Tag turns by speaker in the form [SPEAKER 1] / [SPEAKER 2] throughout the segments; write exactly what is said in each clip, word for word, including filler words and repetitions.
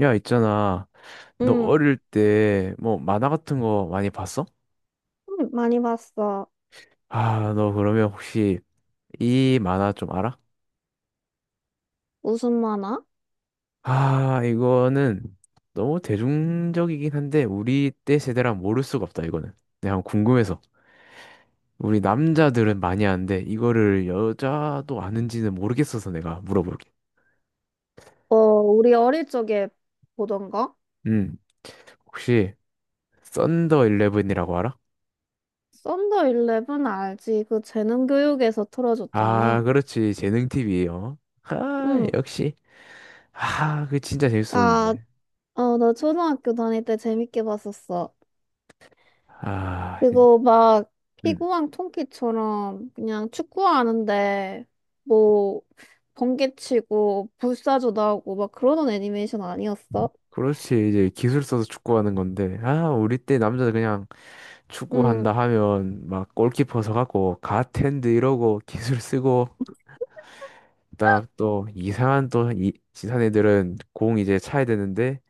[SPEAKER 1] 야, 있잖아. 너
[SPEAKER 2] 응,
[SPEAKER 1] 어릴 때 뭐 만화 같은 거 많이 봤어?
[SPEAKER 2] 응, 많이 봤어.
[SPEAKER 1] 아, 너 그러면 혹시 이 만화 좀 알아?
[SPEAKER 2] 무슨 만화?
[SPEAKER 1] 아, 이거는 너무 대중적이긴 한데 우리 때 세대랑 모를 수가 없다, 이거는. 내가 한번 궁금해서. 우리 남자들은 많이 아는데 이거를 여자도 아는지는 모르겠어서 내가 물어볼게.
[SPEAKER 2] 어, 우리 어릴 적에 보던 거?
[SPEAKER 1] 음, 혹시 썬더 일레븐이라고 알아?
[SPEAKER 2] 썬더 일레븐 알지? 그 재능 교육에서 틀어줬잖아.
[SPEAKER 1] 아, 그렇지. 재능 티비예요. 아,
[SPEAKER 2] 응,
[SPEAKER 1] 역시. 아, 그 진짜
[SPEAKER 2] 나,
[SPEAKER 1] 재밌었는데.
[SPEAKER 2] 어, 나 초등학교 다닐 때 재밌게 봤었어.
[SPEAKER 1] 아, 이-
[SPEAKER 2] 그거 막
[SPEAKER 1] 음,
[SPEAKER 2] 피구왕 통키처럼 그냥 축구하는데 뭐 번개치고 불사조 나오고 막 그러던 애니메이션 아니었어?
[SPEAKER 1] 그렇지. 이제 기술 써서 축구하는 건데. 아, 우리 때 남자들 그냥
[SPEAKER 2] 응,
[SPEAKER 1] 축구한다 하면 막 골키퍼 서갖고 갓핸드 이러고 기술 쓰고 딱 또 이상한 또 이, 지산 애들은 공 이제 차야 되는데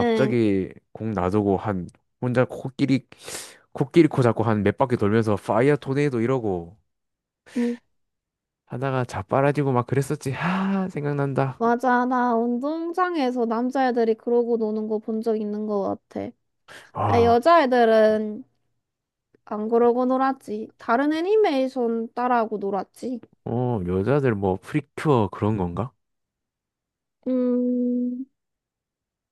[SPEAKER 2] 응.
[SPEAKER 1] 공 놔두고 한 혼자 코끼리 코끼리 코 잡고 한 몇 바퀴 돌면서 파이어 토네이도 이러고 하다가 자빠라지고 막 그랬었지. 아, 생각난다.
[SPEAKER 2] 맞아. 나 운동장에서 남자애들이 그러고 노는 거 본 적 있는 거 같아. 아,
[SPEAKER 1] 아,
[SPEAKER 2] 여자애들은 안 그러고 놀았지. 다른 애니메이션 따라하고 놀았지.
[SPEAKER 1] 어, 여자들 뭐 프리큐어 그런 건가?
[SPEAKER 2] 음,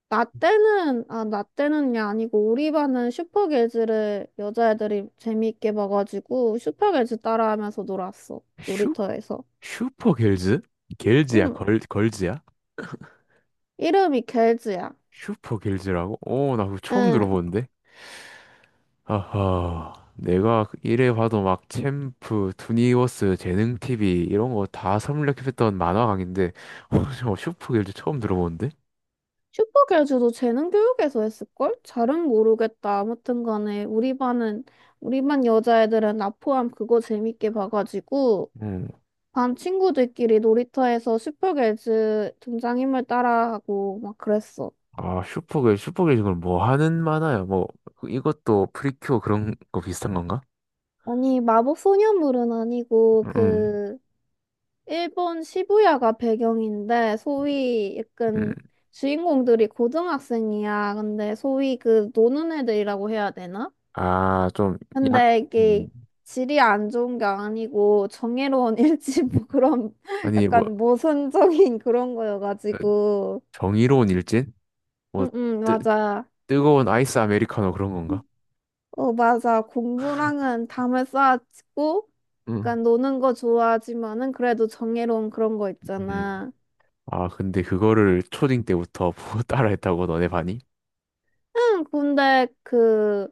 [SPEAKER 2] 나 때는, 아, 나 때는 게 아니고, 우리 반은 슈퍼개즈를 여자애들이 재미있게 봐가지고, 슈퍼개즈 따라하면서 놀았어. 놀이터에서.
[SPEAKER 1] 슈퍼 길즈? 길즈야,
[SPEAKER 2] 응,
[SPEAKER 1] 걸, 걸즈야?
[SPEAKER 2] 이름이 개즈야.
[SPEAKER 1] 슈퍼 길즈라고? 오, 나 그거 처음
[SPEAKER 2] 응.
[SPEAKER 1] 들어보는데? 아하, 내가 이래 봐도 막 챔프, 투니버스, 재능 티비 이런 거 다 섭렵했던 만화 강인데, 어, 저 슈퍼 길즈 처음 들어보는데?
[SPEAKER 2] 슈퍼 교주도 재능 교육에서 했을걸? 잘은 모르겠다. 아무튼 간에 우리 반은 우리 반 여자애들은 나 포함 그거 재밌게 봐가지고
[SPEAKER 1] 음,
[SPEAKER 2] 반 친구들끼리 놀이터에서 슈퍼 교주 등장인물 따라하고 막 그랬어.
[SPEAKER 1] 아, 슈퍼 길즈, 슈퍼 길즈 그럼 뭐 하는 만화야? 뭐, 이것도 프리큐어 그런 거 비슷한 건가?
[SPEAKER 2] 아니 마법 소녀물은 아니고
[SPEAKER 1] 음,
[SPEAKER 2] 그 일본 시부야가 배경인데 소위
[SPEAKER 1] 음,
[SPEAKER 2] 약간 주인공들이 고등학생이야. 근데 소위 그 노는 애들이라고 해야 되나?
[SPEAKER 1] 아, 좀, 양,
[SPEAKER 2] 근데
[SPEAKER 1] 음.
[SPEAKER 2] 이게 질이 안 좋은 게 아니고 정의로운 일치 뭐 그런
[SPEAKER 1] 아니, 뭐,
[SPEAKER 2] 약간 모순적인 그런
[SPEAKER 1] 어,
[SPEAKER 2] 거여가지고
[SPEAKER 1] 정의로운 일진? 뭐,
[SPEAKER 2] 응응
[SPEAKER 1] 뜨,
[SPEAKER 2] 맞아
[SPEAKER 1] 뜨거운 아이스 아메리카노 그런 건가?
[SPEAKER 2] 어 맞아 공부랑은 담을 쌓아치고
[SPEAKER 1] 응.
[SPEAKER 2] 약간 노는 거 좋아하지만은 그래도 정의로운 그런 거
[SPEAKER 1] 음.
[SPEAKER 2] 있잖아
[SPEAKER 1] 아, 근데 그거를 초딩 때부터 보고 따라했다고 너네 반이?
[SPEAKER 2] 응 근데 그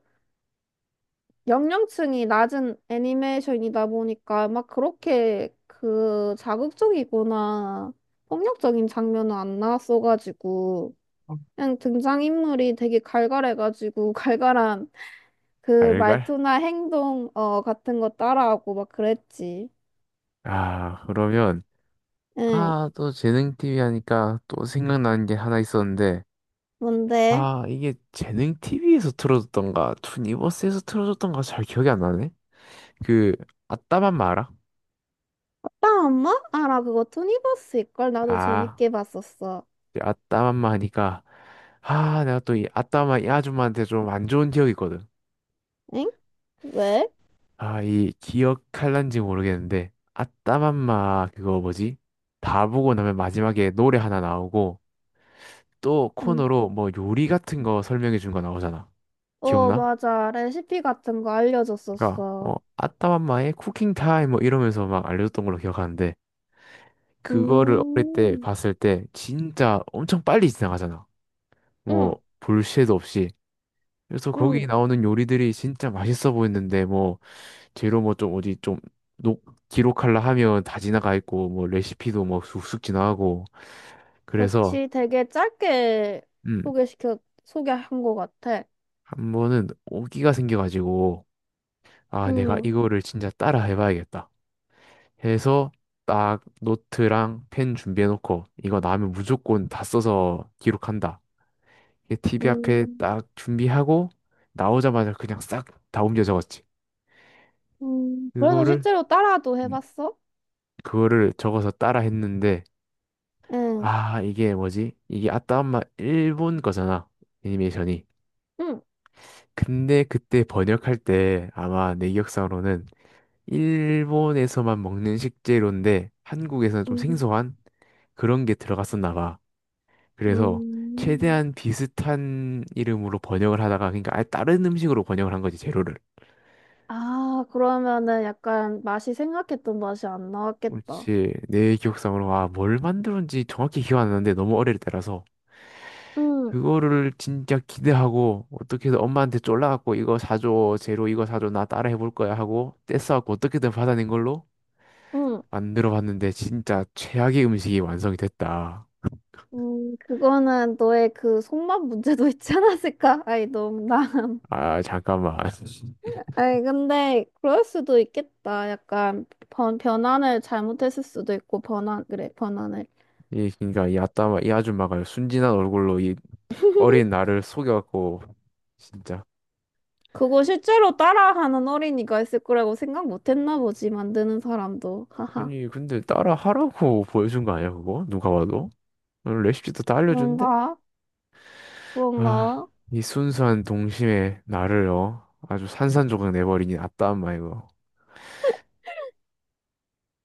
[SPEAKER 2] 연령층이 낮은 애니메이션이다 보니까 막 그렇게 그 자극적이거나 폭력적인 장면은 안 나왔어가지고
[SPEAKER 1] 어,
[SPEAKER 2] 그냥 등장인물이 되게 갈갈해가지고 갈갈한 그
[SPEAKER 1] 알갈?
[SPEAKER 2] 말투나 행동 어 같은 거 따라하고 막 그랬지.
[SPEAKER 1] 아, 그러면
[SPEAKER 2] 응.
[SPEAKER 1] 아, 또 재능 티비 하니까 또 생각나는 게 하나 있었는데
[SPEAKER 2] 뭔데?
[SPEAKER 1] 아, 이게 재능 티비에서 틀어줬던가 투니버스에서 틀어줬던가 잘 기억이 안 나네. 그 아따맘마 알아?
[SPEAKER 2] 나 엄마? 아, 나 그거 투니버스 일걸 나도
[SPEAKER 1] 아,
[SPEAKER 2] 재밌게 봤었어.
[SPEAKER 1] 이제 아따맘마 하니까 아, 내가 또 이 아따맘마 이 아줌마한테 좀 안 좋은 기억이 있거든.
[SPEAKER 2] 응? 왜?
[SPEAKER 1] 아, 이 기억할란지 모르겠는데 아따맘마 그거 뭐지? 다 보고 나면 마지막에 노래 하나 나오고 또
[SPEAKER 2] 음.
[SPEAKER 1] 코너로 뭐 요리 같은 거 설명해 준 거 나오잖아.
[SPEAKER 2] 어,
[SPEAKER 1] 기억나?
[SPEAKER 2] 맞아. 레시피 같은 거
[SPEAKER 1] 그러니까
[SPEAKER 2] 알려줬었어.
[SPEAKER 1] 뭐 아따맘마의 쿠킹 타임 뭐 이러면서 막 알려줬던 걸로 기억하는데 그거를 어릴 때
[SPEAKER 2] 음,
[SPEAKER 1] 봤을 때 진짜 엄청 빨리 지나가잖아.
[SPEAKER 2] 응,
[SPEAKER 1] 뭐 볼 새도 없이. 그래서
[SPEAKER 2] 응.
[SPEAKER 1] 거기 나오는 요리들이 진짜 맛있어 보였는데 뭐 재료 뭐 좀 어디 좀 녹, 기록할라 하면 다 지나가 있고 뭐 레시피도 뭐 쑥쑥 지나가고 그래서
[SPEAKER 2] 그치. 되게 짧게
[SPEAKER 1] 음,
[SPEAKER 2] 소개시켜, 소개한 것 같아.
[SPEAKER 1] 한 번은 오기가 생겨가지고 아 내가
[SPEAKER 2] 응,
[SPEAKER 1] 이거를 진짜 따라 해봐야겠다 해서 딱 노트랑 펜 준비해놓고 이거 나오면 무조건 다 써서 기록한다 이게 티비 앞에
[SPEAKER 2] 음.
[SPEAKER 1] 딱 준비하고 나오자마자 그냥 싹 다 옮겨 적었지.
[SPEAKER 2] 음, 그래서
[SPEAKER 1] 그거를
[SPEAKER 2] 실제로 따라도
[SPEAKER 1] 음,
[SPEAKER 2] 해봤어?
[SPEAKER 1] 그거를 적어서 따라 했는데
[SPEAKER 2] 응,
[SPEAKER 1] 아, 이게 뭐지? 이게 아따 엄마 일본 거잖아. 애니메이션이.
[SPEAKER 2] 응,
[SPEAKER 1] 근데 그때 번역할 때 아마 내 기억상으로는 일본에서만 먹는 식재료인데 한국에서는 좀
[SPEAKER 2] 응.
[SPEAKER 1] 생소한 그런 게 들어갔었나 봐. 그래서
[SPEAKER 2] 음,
[SPEAKER 1] 최대한 비슷한 이름으로 번역을 하다가 그러니까 아예 다른 음식으로 번역을 한 거지, 재료를.
[SPEAKER 2] 아, 그러면은 약간 맛이 생각했던 맛이 안 나왔겠다.
[SPEAKER 1] 그렇지. 내 기억상으로 아, 뭘 만들었는지 정확히 기억 안 나는데 너무 어릴 때라서
[SPEAKER 2] 응,
[SPEAKER 1] 그거를 진짜 기대하고 어떻게 든 엄마한테 쫄라갖고 이거 사줘 제로 이거 사줘 나 따라 해볼 거야 하고 떼써갖고 어떻게든 받아낸 걸로
[SPEAKER 2] 응.
[SPEAKER 1] 만들어 봤는데 진짜 최악의 음식이 완성이 됐다.
[SPEAKER 2] 음, 그거는 너의 그 손맛 문제도 있지 않았을까? 아이, 너무 나.
[SPEAKER 1] 아 잠깐만.
[SPEAKER 2] 아이, 근데 그럴 수도 있겠다. 약간 번, 변환을 잘못했을 수도 있고, 변환 그래, 변환을
[SPEAKER 1] 이 그러니까 이 아따마 이 아줌마가 순진한 얼굴로 이 어린 나를 속여갖고 진짜
[SPEAKER 2] 그거 실제로 따라하는 어린이가 있을 거라고 생각 못 했나 보지, 만드는 사람도.
[SPEAKER 1] 아니 근데 따라 하라고 보여준 거 아니야 그거 누가 봐도 어, 레시피도 다 알려준데.
[SPEAKER 2] 뭔가
[SPEAKER 1] 아,
[SPEAKER 2] 그런가?
[SPEAKER 1] 이 순수한 동심에 나를요. 아주 산산조각 내버리니 아따 엄마 이거.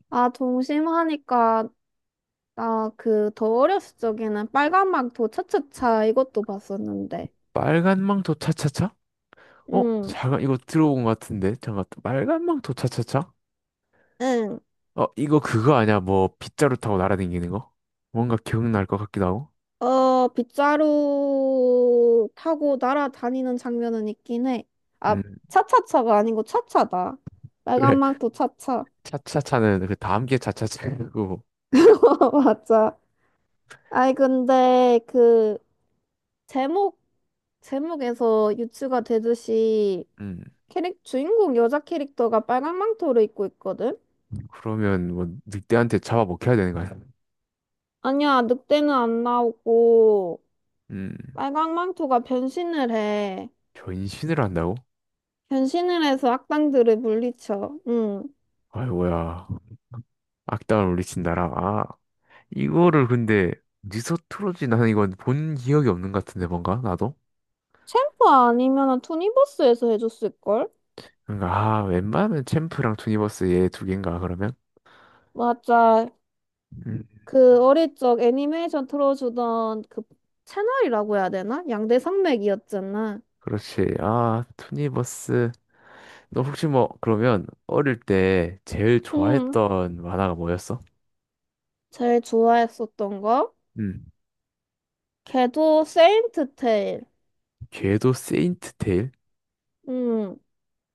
[SPEAKER 2] 아, 동심하니까 나 그 더 어렸을 적에는 빨간막 도차차차 이것도 봤었는데.
[SPEAKER 1] 빨간 망토 차차차? 어?
[SPEAKER 2] 응,
[SPEAKER 1] 잠깐 이거 들어본 것 같은데. 잠깐 빨간 망토 차차차?
[SPEAKER 2] 응.
[SPEAKER 1] 어, 이거 그거 아니야? 뭐 빗자루 타고 날아다니는 거? 뭔가 기억날 것 같기도 하고.
[SPEAKER 2] 어, 빗자루 타고 날아다니는 장면은 있긴 해. 아,
[SPEAKER 1] 음,
[SPEAKER 2] 차차차가 아니고 차차다.
[SPEAKER 1] 그래.
[SPEAKER 2] 빨간막 도차차.
[SPEAKER 1] 차차차는 그 다음 게 차차차고.
[SPEAKER 2] 맞아. 아이, 근데 그 제목, 제목에서 유추가 되듯이
[SPEAKER 1] 음,
[SPEAKER 2] 캐릭, 주인공 여자 캐릭터가 빨간 망토를 입고 있거든?
[SPEAKER 1] 그러면 뭐 늑대한테 잡아먹혀야 되는 거야.
[SPEAKER 2] 아니야, 늑대는 안 나오고
[SPEAKER 1] 음,
[SPEAKER 2] 빨강망토가 변신을 해.
[SPEAKER 1] 변신을 한다고?
[SPEAKER 2] 변신을 해서 악당들을 물리쳐. 응.
[SPEAKER 1] 아이 뭐야. 악당을 물리친 나라. 이거를 근데 니서트로지 나는 이건 본 기억이 없는 것 같은데 뭔가 나도
[SPEAKER 2] 챔프 아니면 투니버스에서 해줬을걸?
[SPEAKER 1] 그러니까 아 웬만하면 챔프랑 투니버스 얘 두 개인가 그러면
[SPEAKER 2] 맞아.
[SPEAKER 1] 음
[SPEAKER 2] 그 어릴 적 애니메이션 틀어주던 그 채널이라고 해야 되나? 양대 산맥이었잖아.
[SPEAKER 1] 그렇지 아 투니버스. 너 혹시 뭐 그러면 어릴 때 제일
[SPEAKER 2] 응.
[SPEAKER 1] 좋아했던 만화가 뭐였어?
[SPEAKER 2] 제일 좋아했었던 거?
[SPEAKER 1] 음
[SPEAKER 2] 걔도 세인트 테일.
[SPEAKER 1] 궤도 세인트 테일
[SPEAKER 2] 응.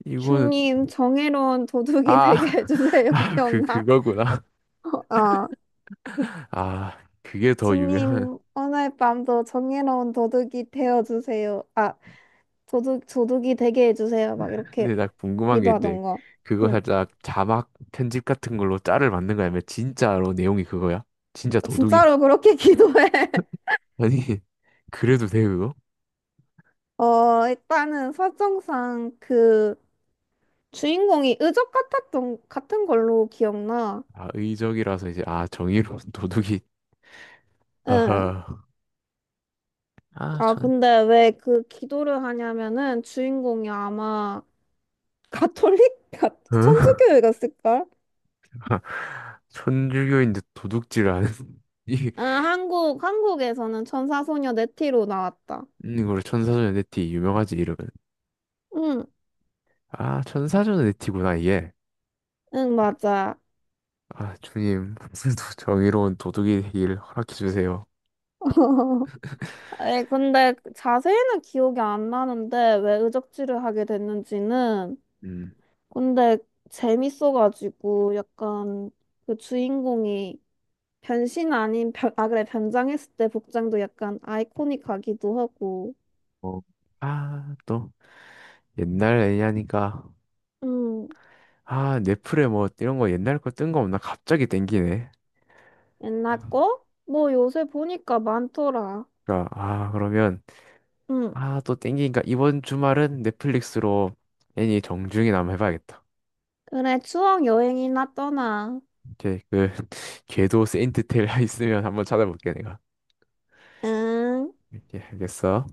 [SPEAKER 1] 이거는
[SPEAKER 2] 주님, 정의로운 도둑이
[SPEAKER 1] 아
[SPEAKER 2] 되게 해주세요.
[SPEAKER 1] 아 그
[SPEAKER 2] 기억나?
[SPEAKER 1] 그거구나.
[SPEAKER 2] 어. 아.
[SPEAKER 1] 아 그게 더 유명한
[SPEAKER 2] 주님, 오늘 밤도 정의로운 도둑이 되어주세요. 아, 도둑, 도둑이 되게 해주세요. 막 이렇게
[SPEAKER 1] 근데 나 궁금한 게 있는데
[SPEAKER 2] 기도하던가.
[SPEAKER 1] 그거
[SPEAKER 2] 응,
[SPEAKER 1] 살짝 자막 편집 같은 걸로 짤을 만든 거야? 아니면 진짜로 내용이 그거야? 진짜 도둑이?
[SPEAKER 2] 진짜로 그렇게 기도해.
[SPEAKER 1] 아니. 그래도 돼 그거?
[SPEAKER 2] 어, 일단은 설정상 그 주인공이 의적 같았던, 같은 걸로 기억나.
[SPEAKER 1] 아 의적이라서 이제 아 정의로운 도둑이
[SPEAKER 2] 응.
[SPEAKER 1] 하하
[SPEAKER 2] 아,
[SPEAKER 1] 아전
[SPEAKER 2] 근데 왜 그 기도를 하냐면은 주인공이 아마 가톨릭? 가-
[SPEAKER 1] 어?
[SPEAKER 2] 천주교회 갔을걸?
[SPEAKER 1] 천주교인데 도둑질 하는 이
[SPEAKER 2] 아, 한국, 한국에서는 천사소녀 네티로 나왔다.
[SPEAKER 1] 이걸 천사전의 네티 유명하지 이러면
[SPEAKER 2] 응.
[SPEAKER 1] 아 천사전의 네티구나 이게.
[SPEAKER 2] 응, 맞아.
[SPEAKER 1] 아 주님, 오늘도 정의로운 도둑이 되길 허락해 주세요.
[SPEAKER 2] 에 근데 자세히는 기억이 안 나는데 왜 의적지를 하게 됐는지는
[SPEAKER 1] 음
[SPEAKER 2] 근데 재밌어가지고 약간 그 주인공이 변신 아닌 변, 아 그래 변장했을 때 복장도 약간 아이코닉하기도 하고
[SPEAKER 1] 어아또 옛날 애니 하니까
[SPEAKER 2] 응
[SPEAKER 1] 아 넷플에 뭐 이런 거 옛날 거 뜬 거 없나 갑자기 땡기네.
[SPEAKER 2] 옛날 거? 뭐 요새 보니까 많더라.
[SPEAKER 1] 그러니까 아 그러면
[SPEAKER 2] 응
[SPEAKER 1] 아 또 땡기니까 이번 주말은 넷플릭스로 애니 정중이나 한번 해봐야겠다.
[SPEAKER 2] 그래 추억 여행이나 떠나.
[SPEAKER 1] 오케이 그 궤도 세인트 테일 있으면 한번 찾아볼게 내가.
[SPEAKER 2] 응.
[SPEAKER 1] 오케이 알겠어.